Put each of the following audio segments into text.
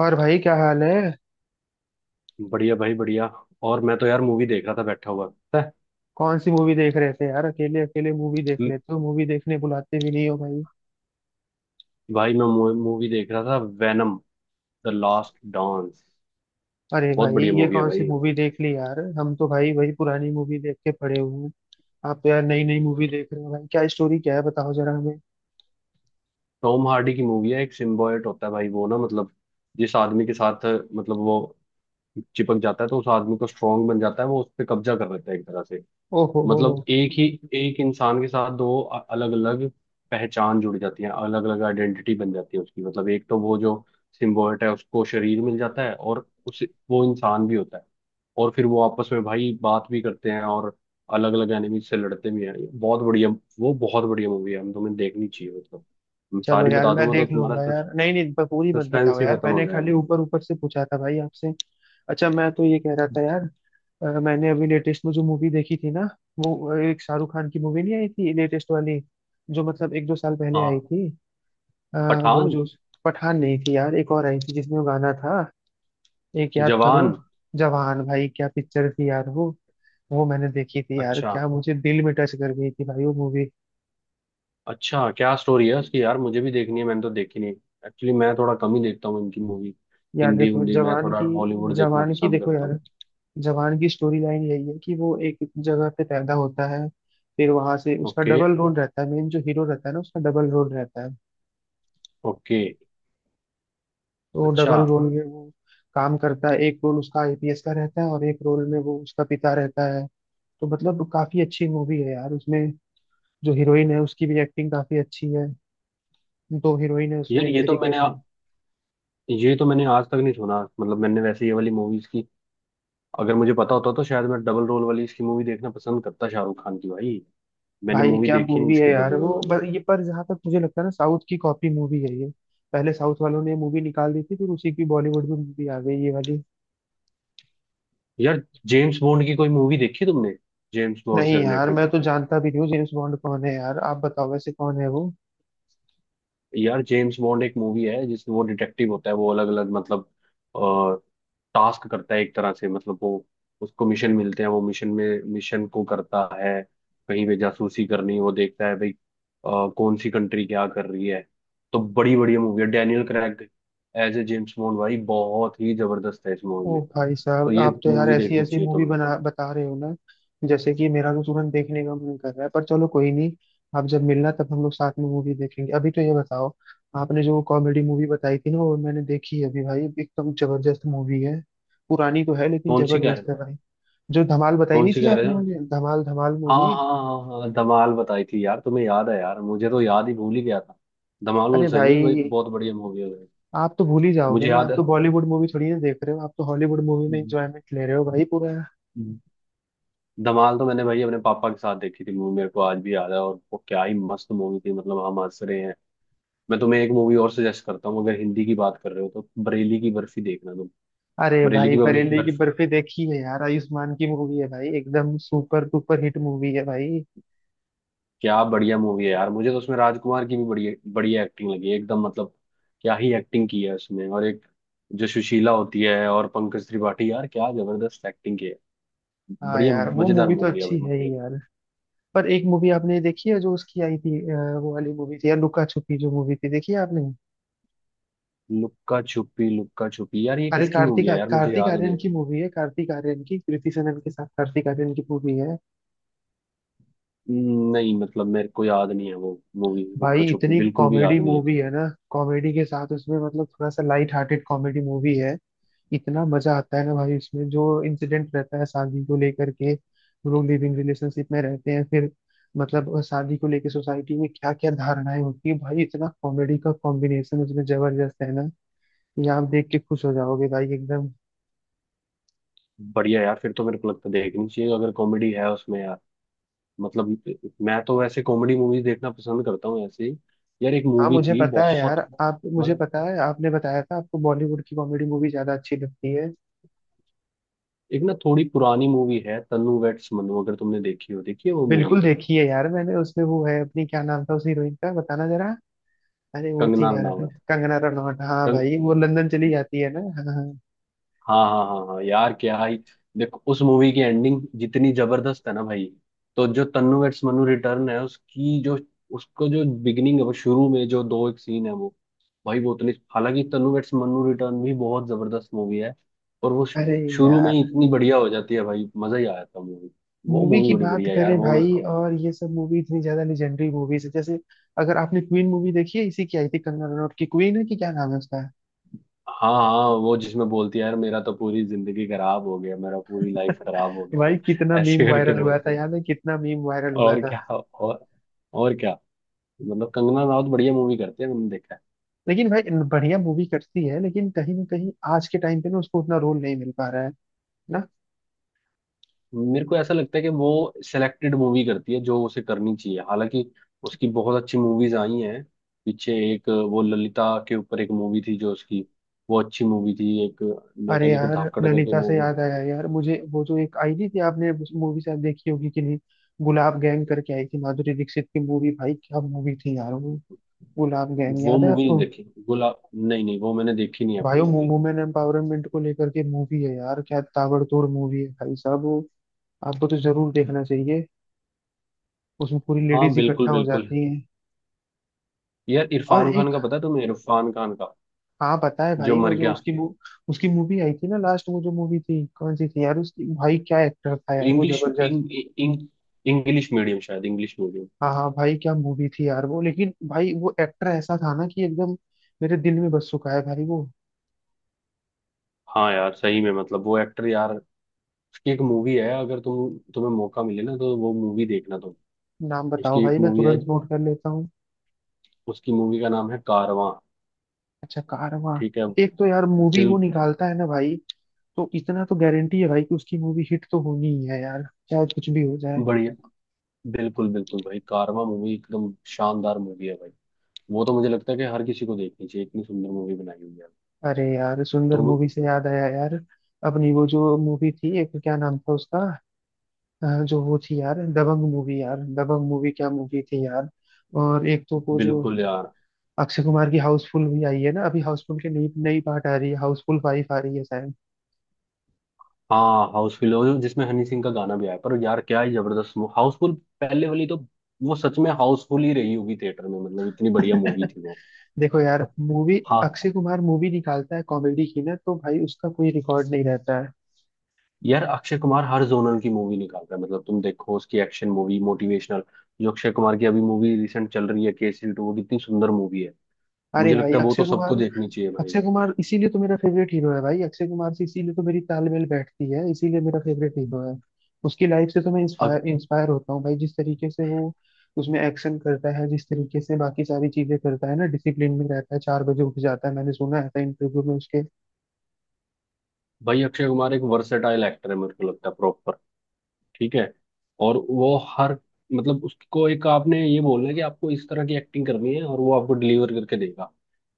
और भाई क्या हाल है। बढ़िया भाई बढ़िया। और मैं तो यार मूवी देख रहा था बैठा हुआ पता है। कौन सी मूवी देख रहे थे यार? अकेले अकेले मूवी देख म- लेते हो, मूवी देखने बुलाते भी नहीं हो भाई। भाई मैं मूवी देख रहा था, वेनम द लास्ट डांस। अरे बहुत भाई, बढ़िया ये मूवी है कौन सी भाई। मूवी देख ली यार? हम तो भाई वही पुरानी मूवी देख के पड़े हुए हैं। आप तो यार नई नई मूवी देख रहे हो भाई। क्या स्टोरी क्या है, बताओ जरा हमें। टॉम हार्डी की मूवी है, एक सिम्बायोट होता है भाई वो ना मतलब जिस आदमी के साथ मतलब वो चिपक जाता है तो उस आदमी को स्ट्रांग बन जाता है, वो उस पर कब्जा कर लेता है एक तरह से। ओहो हो, मतलब एक ही एक इंसान के साथ दो अलग अलग पहचान जुड़ जाती है, अलग अलग आइडेंटिटी बन जाती है उसकी। मतलब एक तो वो जो सिम्बोयट है उसको शरीर मिल जाता है, और उस वो इंसान भी होता है और फिर वो आपस में भाई बात भी करते हैं और अलग अलग एनिमी से लड़ते भी हैं। ये बहुत बढ़िया, वो बहुत बढ़िया मूवी है, हम तुम्हें देखनी चाहिए। मतलब मैं चलो सारी यार बता मैं दूंगा तो देख तुम्हारा लूंगा यार। नहीं नहीं, पूरी मत बताओ सस्पेंस ही यार, खत्म मैंने हो जाएगा। खाली ऊपर ऊपर से पूछा था भाई आपसे। अच्छा, मैं तो ये कह रहा था यार, मैंने अभी लेटेस्ट में जो मूवी देखी थी ना, वो एक शाहरुख खान की मूवी नहीं आई थी लेटेस्ट वाली, जो मतलब एक दो साल पहले आई हाँ। थी। अ, वो पठान। जो पठान नहीं थी यार, एक और आई थी जिसमें वो गाना था। एक याद करो, जवान। जवान। भाई क्या पिक्चर थी यार वो। वो मैंने देखी थी यार, अच्छा। क्या मुझे दिल में टच कर गई थी भाई वो मूवी। अच्छा, क्या स्टोरी है उसकी यार? मुझे भी देखनी है, मैंने तो देखी नहीं। एक्चुअली मैं थोड़ा कम ही देखता हूँ इनकी मूवी। यार हिंदी देखो हिंदी मैं जवान थोड़ा की, हॉलीवुड देखना जवान की पसंद देखो करता हूँ। यार। जवान की स्टोरी लाइन यही है कि वो एक जगह पे पैदा होता है, फिर वहां से उसका ओके। डबल रोल रहता है। मेन जो हीरो रहता है ना, उसका डबल रोल रहता है। ओके। तो अच्छा। डबल रोल में वो काम करता है। एक रोल उसका आईपीएस का रहता है और एक रोल में वो उसका पिता रहता है। तो मतलब काफी अच्छी मूवी है यार उसमें। जो हीरोइन है उसकी भी एक्टिंग काफी अच्छी है। दो हीरोइन है उसमें यार एक तरीके से। ये तो मैंने आज तक नहीं सुना, मतलब मैंने वैसे ये वाली मूवीज की, अगर मुझे पता होता तो शायद मैं डबल रोल वाली इसकी मूवी देखना पसंद करता शाहरुख खान की भाई। मैंने भाई मूवी क्या देखी नहीं मूवी है इसकी यार डबल रोल वो, वाली। पर ये पर जहाँ तक मुझे लगता है ना, साउथ की कॉपी मूवी है ये। पहले साउथ वालों ने मूवी निकाल दी थी, फिर उसी की बॉलीवुड में मूवी आ गई ये वाली। यार जेम्स बॉन्ड की कोई मूवी देखी तुमने? जेम्स बॉन्ड नहीं से यार, रिलेटेड? मैं तो जानता भी नहीं हूँ जेम्स बॉन्ड कौन है यार। आप बताओ वैसे कौन है वो। यार जेम्स बॉन्ड एक मूवी है जिसमें वो डिटेक्टिव होता है, वो अलग अलग मतलब टास्क करता है एक तरह से। मतलब वो उसको मिशन मिलते हैं, वो मिशन में मिशन को करता है, कहीं पे जासूसी करनी वो देखता है भाई कौन सी कंट्री क्या कर रही है। तो बड़ी बढ़िया मूवी है, Daniel Craig as a James Bond भाई बहुत ही जबरदस्त है इस मूवी ओ में। भाई तो साहब, ये आप तो यार मूवी ऐसी देखनी ऐसी चाहिए मूवी तुम्हें। बना बता रहे हो ना, जैसे कि मेरा तो तुरंत देखने का मन कर रहा है। पर चलो कोई नहीं, आप जब मिलना तब हम लोग साथ में मूवी देखेंगे। अभी तो ये बताओ, आपने जो कॉमेडी मूवी बताई थी ना, वो मैंने देखी है अभी भाई। एकदम जबरदस्त मूवी है। पुरानी तो है लेकिन कौन सी कह रहे जबरदस्त हो? है भाई। जो धमाल बताई कौन नहीं सी थी कह रहे आपने मुझे, धमाल धमाल हाँ मूवी। हाँ हाँ हाँ, धमाल बताई थी यार तुम्हें, याद है यार, मुझे तो याद ही, भूल ही गया था। धमाल उल अरे सही में भाई भाई, बहुत बढ़िया मूवी है भाई। आप तो भूल ही जाओगे मुझे ना, याद आप है। तो बॉलीवुड मूवी थोड़ी ना देख रहे हो। आप तो हॉलीवुड मूवी में एंजॉयमेंट ले रहे हो भाई पूरा। धमाल तो मैंने भाई अपने पापा के साथ देखी थी मूवी, मेरे को आज भी याद है और वो क्या ही मस्त मूवी थी, मतलब हम हंस रहे हैं। मैं तुम्हें एक मूवी और सजेस्ट करता हूँ, अगर हिंदी की बात कर रहे हो तो बरेली की बर्फी देखना तुम। अरे बरेली भाई, की बरेली की बर्फी, बर्फी देखी है यार, आयुष्मान की मूवी है भाई, एकदम सुपर डुपर हिट मूवी है भाई। क्या बढ़िया मूवी है यार, मुझे तो उसमें राजकुमार की भी बढ़िया बढ़िया एक्टिंग लगी एकदम, मतलब क्या ही एक्टिंग की है उसमें, और एक जो सुशीला होती है और पंकज त्रिपाठी, यार क्या जबरदस्त एक्टिंग की है। हाँ बढ़िया यार, वो मजेदार मूवी तो मूवी है अच्छी भाई, है ही मतलब। यार। पर एक मूवी आपने ये देखी है जो उसकी आई थी, वो वाली मूवी थी यार, लुका छुपी जो मूवी थी, देखी है आपने? लुक्का छुपी यार ये अरे, किसकी मूवी कार्तिक है यार, मुझे कार्तिक याद आर्यन नहीं है। की मूवी है, कार्तिक आर्यन की, कृति सेनन के साथ कार्तिक आर्यन की मूवी है। नहीं मतलब मेरे को याद नहीं है वो मूवी, भाई लुक्का छुपी इतनी बिल्कुल भी कॉमेडी याद नहीं है। मूवी है ना। कॉमेडी के साथ उसमें मतलब थोड़ा सा लाइट हार्टेड कॉमेडी मूवी है। इतना मजा आता है ना भाई उसमें। जो इंसिडेंट रहता है शादी को लेकर के, वो लोग लिविंग रिलेशनशिप में रहते हैं, फिर मतलब शादी को लेकर सोसाइटी में क्या क्या धारणाएं होती है भाई, इतना कॉमेडी का कॉम्बिनेशन उसमें जबरदस्त है ना, कि आप देख के खुश हो जाओगे भाई एकदम। बढ़िया यार, फिर तो मेरे को लगता है देखनी चाहिए अगर कॉमेडी है उसमें यार। मतलब मैं तो वैसे कॉमेडी मूवीज देखना पसंद करता हूँ ऐसे ही। यार एक हाँ मूवी मुझे थी पता है यार, बहुत आप मुझे मतलब पता है आपने बताया था, आपको बॉलीवुड की कॉमेडी मूवी ज्यादा अच्छी लगती है। एक ना थोड़ी पुरानी मूवी है, तन्नू वेड्स मन्नू, अगर तुमने देखी हो, देखी है वो बिल्कुल मूवी? देखी है यार मैंने। उसमें वो है अपनी, क्या नाम था उस हीरोइन का, बताना जरा। अरे वो थी कंगना यार, रनावत। कंगना रनौत। हाँ भाई, वो लंदन चली जाती है ना। हाँ हाँ। हाँ हाँ हाँ हाँ, यार क्या ही, देखो उस मूवी की एंडिंग जितनी जबरदस्त है ना भाई, तो जो तन्नू वेड्स मन्नू रिटर्न है उसकी जो उसको जो बिगिनिंग है वो शुरू में जो दो एक सीन है वो भाई वो उतनी, हालांकि तन्नू वेड्स मन्नू रिटर्न भी बहुत जबरदस्त मूवी है और अरे शुरू में ही यार, इतनी बढ़िया हो जाती है भाई, मजा ही आया था मूवी। वो मूवी मूवी की बड़ी बात बढ़िया है यार करें वो मेरे भाई, को। और ये सब मूवी इतनी ज्यादा लेजेंडरी मूवीज है। जैसे अगर आपने क्वीन मूवी देखी है, इसी की आई थी कंगना रनौत की, क्वीन है कि क्या नाम है उसका। हाँ हाँ वो जिसमें बोलती है यार, मेरा तो पूरी जिंदगी खराब हो गया, मेरा पूरी लाइफ खराब हो भाई कितना गया, ऐसे मीम करके वायरल हुआ बोलती था, है। याद है, कितना मीम वायरल हुआ और था। क्या। और क्या। मतलब कंगना राउत बढ़िया मूवी करती है, मैंने देखा है। लेकिन भाई, बढ़िया मूवी करती है, लेकिन कहीं ना कहीं आज के टाइम पे ना, उसको उतना रोल नहीं मिल पा रहा है ना। मेरे को ऐसा लगता है कि वो सिलेक्टेड मूवी करती है जो उसे करनी चाहिए, हालांकि उसकी बहुत अच्छी मूवीज आई हैं। पीछे एक वो ललिता के ऊपर एक मूवी थी जो उसकी, वो अच्छी मूवी थी एक, मेरे अरे ख्याल एक यार, धाकड़ करके नैनीताल से मूवी। याद आया यार मुझे, वो जो एक आई नहीं थी, आपने मूवी शायद देखी होगी कि नहीं, गुलाब गैंग करके आई थी, माधुरी दीक्षित की मूवी, भाई क्या मूवी थी यार वो। गुलाब गैंग, वो याद है मूवी नहीं आपको? देखी, गुला, नहीं नहीं, वो मैंने देखी नहीं भाई अभी वो मूवी। वुमेन एम्पावरमेंट को लेकर के मूवी है यार, क्या ताबड़तोड़ मूवी है भाई साहब वो। आपको तो जरूर देखना चाहिए। उसमें पूरी हाँ लेडीज बिल्कुल इकट्ठा हो बिल्कुल। जाती हैं। यार और इरफान खान एक, का पता है तुम्हें, इरफान खान का हाँ पता है जो भाई, वो मर जो गया? उसकी उसकी मूवी आई थी ना लास्ट, वो जो मूवी थी कौन सी थी यार उसकी, भाई क्या एक्टर था यार वो, इंग्लिश जबरदस्त। इंग, इंग, इंग्लिश मीडियम, शायद इंग्लिश मीडियम। हाँ हाँ भाई, क्या मूवी थी यार वो। लेकिन भाई, वो एक्टर ऐसा था ना कि एकदम मेरे दिल में बस चुका है भाई वो। हाँ यार सही में, मतलब वो एक्टर यार। उसकी एक मूवी है, अगर तुम्हें मौका मिले ना तो वो मूवी देखना तुम। नाम बताओ उसकी भाई, एक मैं मूवी है, तुरंत नोट कर लेता हूँ। उसकी मूवी का नाम है कारवां। अच्छा, कारवां। ठीक है। एक तो यार, मूवी बिल, वो निकालता है ना भाई, तो इतना तो गारंटी है भाई कि उसकी मूवी हिट तो होनी ही है यार, चाहे कुछ भी हो जाए। बढ़िया। बिल्कुल बिल्कुल भाई, कारवां मूवी एकदम शानदार मूवी है भाई। वो तो मुझे लगता है कि हर किसी को देखनी चाहिए, इतनी सुंदर मूवी बनाई हुई है। अरे यार, सुंदर तो। मूवी से याद आया यार, अपनी वो जो मूवी थी, एक क्या नाम था उसका, जो वो थी यार, दबंग मूवी यार, दबंग मूवी क्या मूवी थी यार। और एक तो वो जो बिल्कुल यार। अक्षय कुमार की हाउसफुल भी आई है ना, अभी हाउसफुल के नई नई पार्ट आ रही है, हाउसफुल 5 आ रही है शायद। हाँ हाउसफुल, जिसमें हनी सिंह का गाना भी आया, पर यार क्या ही जबरदस्त हाउसफुल, पहले वाली तो वो सच में हाउसफुल ही रही होगी थिएटर में, मतलब इतनी बढ़िया मूवी थी वो। देखो यार, मूवी हाँ, अक्षय कुमार मूवी निकालता है कॉमेडी की ना, तो भाई उसका कोई रिकॉर्ड नहीं रहता है। यार अक्षय कुमार हर जोनर की मूवी निकाल रहा है, मतलब तुम देखो उसकी एक्शन मूवी, मोटिवेशनल। जो अक्षय कुमार की अभी मूवी रिसेंट चल रही है केसरी टू, वो कितनी सुंदर मूवी है, अरे मुझे भाई लगता है वो तो अक्षय सबको कुमार, देखनी चाहिए भाई। अक्षय कुमार इसीलिए तो मेरा फेवरेट हीरो है भाई। अक्षय कुमार से इसीलिए तो मेरी तालमेल बैठती है, इसीलिए मेरा फेवरेट हीरो है। उसकी लाइफ से तो मैं अब इंस्पायर इंस्पायर होता हूँ भाई, जिस तरीके से वो उसमें एक्शन करता है, जिस तरीके से बाकी सारी चीजें करता है ना, डिसिप्लिन में रहता है, 4 बजे उठ जाता है, मैंने सुना है इंटरव्यू में उसके। भाई अक्षय कुमार एक वर्सेटाइल एक्टर है, मेरे को लगता है प्रॉपर। ठीक है। और वो हर, मतलब उसको एक आपने ये बोलना है कि आपको इस तरह की एक्टिंग करनी है और वो आपको डिलीवर करके देगा।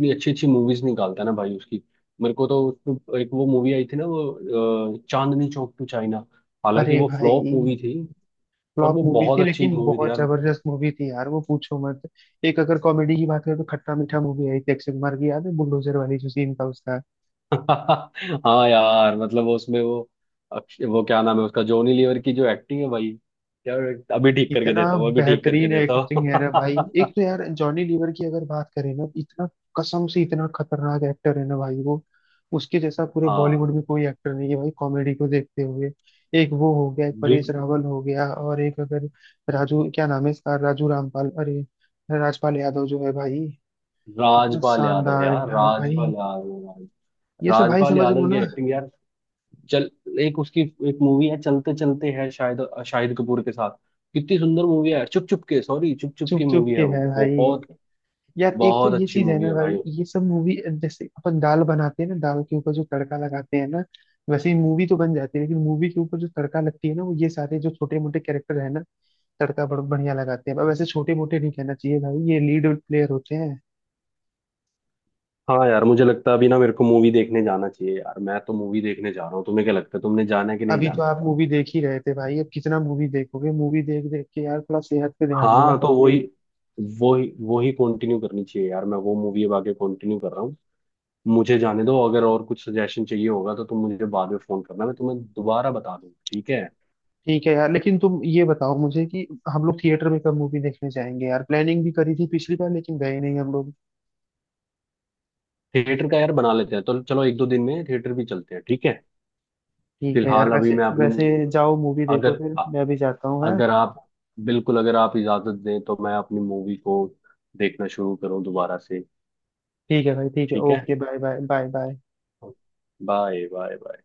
इतनी अच्छी अच्छी मूवीज निकालता है ना भाई उसकी। मेरे को तो उसमें एक वो मूवी आई थी ना वो चांदनी चौक टू चाइना, हालांकि अरे वो भाई, फ्लॉप मूवी थी और फ्लॉप वो मूवी बहुत थी अच्छी लेकिन मूवी थी बहुत यार। जबरदस्त मूवी थी यार वो, पूछो मत। एक अगर कॉमेडी की बात करें तो खट्टा मीठा मूवी आई थी अक्षय कुमार की, याद है बुलडोजर वाली जो सीन था उसका। हाँ यार, मतलब वो उसमें वो, वो क्या नाम है उसका, जॉनी लीवर की जो एक्टिंग है भाई। यार अभी ठीक करके इतना देता हूँ अभी ठीक करके बेहतरीन देता एक्टिंग है ना भाई। हूँ एक तो यार जॉनी लीवर की अगर बात करें ना, इतना कसम से इतना खतरनाक एक्टर है ना भाई वो। उसके जैसा पूरे हाँ। बॉलीवुड में कोई एक्टर नहीं है भाई, कॉमेडी को देखते हुए। एक वो हो गया, एक परेश बिल्कुल। रावल हो गया, और एक अगर राजू, क्या नाम है इसका, राजू रामपाल, अरे राजपाल यादव जो है भाई, इतना राजपाल यादव, शानदार है, यार हाँ राजपाल भाई। यादव। ये सब भाई राजपाल समझ लो यादव की ना। एक्टिंग यार। चल, एक उसकी एक मूवी है, चलते चलते है शायद, शाहिद कपूर के साथ। कितनी सुंदर मूवी है चुप चुप के, सॉरी चुप चुप की चुप चुप मूवी के है वो। है भाई। बहुत, यार एक तो बहुत ये अच्छी चीज है मूवी ना है भाई, भाई। ये सब मूवी जैसे अपन दाल बनाते हैं ना, दाल के ऊपर जो तड़का लगाते हैं ना, वैसे ही मूवी तो बन जाती है, लेकिन मूवी के ऊपर जो तड़का लगती है ना, वो ये सारे जो छोटे मोटे कैरेक्टर है ना, तड़का बड़ बढ़िया लगाते हैं। अब वैसे छोटे मोटे नहीं कहना चाहिए भाई, ये लीड प्लेयर होते हैं। हाँ यार मुझे लगता है अभी ना मेरे को मूवी देखने जाना चाहिए यार, मैं तो मूवी देखने जा रहा हूँ, तुम्हें क्या लगता है, तुमने जाना है कि नहीं अभी तो जाना आप बताओ। मूवी देख ही रहे थे भाई, अब कितना मूवी देखोगे? मूवी देख देख के यार थोड़ा सेहत पे ध्यान दो हाँ आप तो अपने। वही, वही कंटिन्यू करनी चाहिए यार, मैं वो मूवी अब आगे कंटिन्यू कर रहा हूँ। मुझे जाने दो, अगर और कुछ सजेशन चाहिए होगा तो तुम मुझे बाद में फोन करना, मैं तुम्हें दोबारा बता दूँ, ठीक है। ठीक है यार, लेकिन तुम ये बताओ मुझे कि हम लोग थिएटर में कब मूवी देखने जाएंगे यार? प्लानिंग भी करी थी पिछली बार लेकिन गए नहीं हम लोग। थिएटर का यार बना लेते हैं तो चलो एक दो दिन में थिएटर भी चलते हैं, ठीक है। ठीक है यार, फिलहाल अभी वैसे मैं अपनी वैसे मूवी, जाओ मूवी देखो, अगर फिर मैं भी जाता हूँ, है। अगर आप बिल्कुल, अगर आप इजाजत दें तो मैं अपनी मूवी को देखना शुरू करूँ दोबारा से। ठीक है भाई, ठीक है, ठीक है। Okay, bye bye bye bye. Bye bye bye.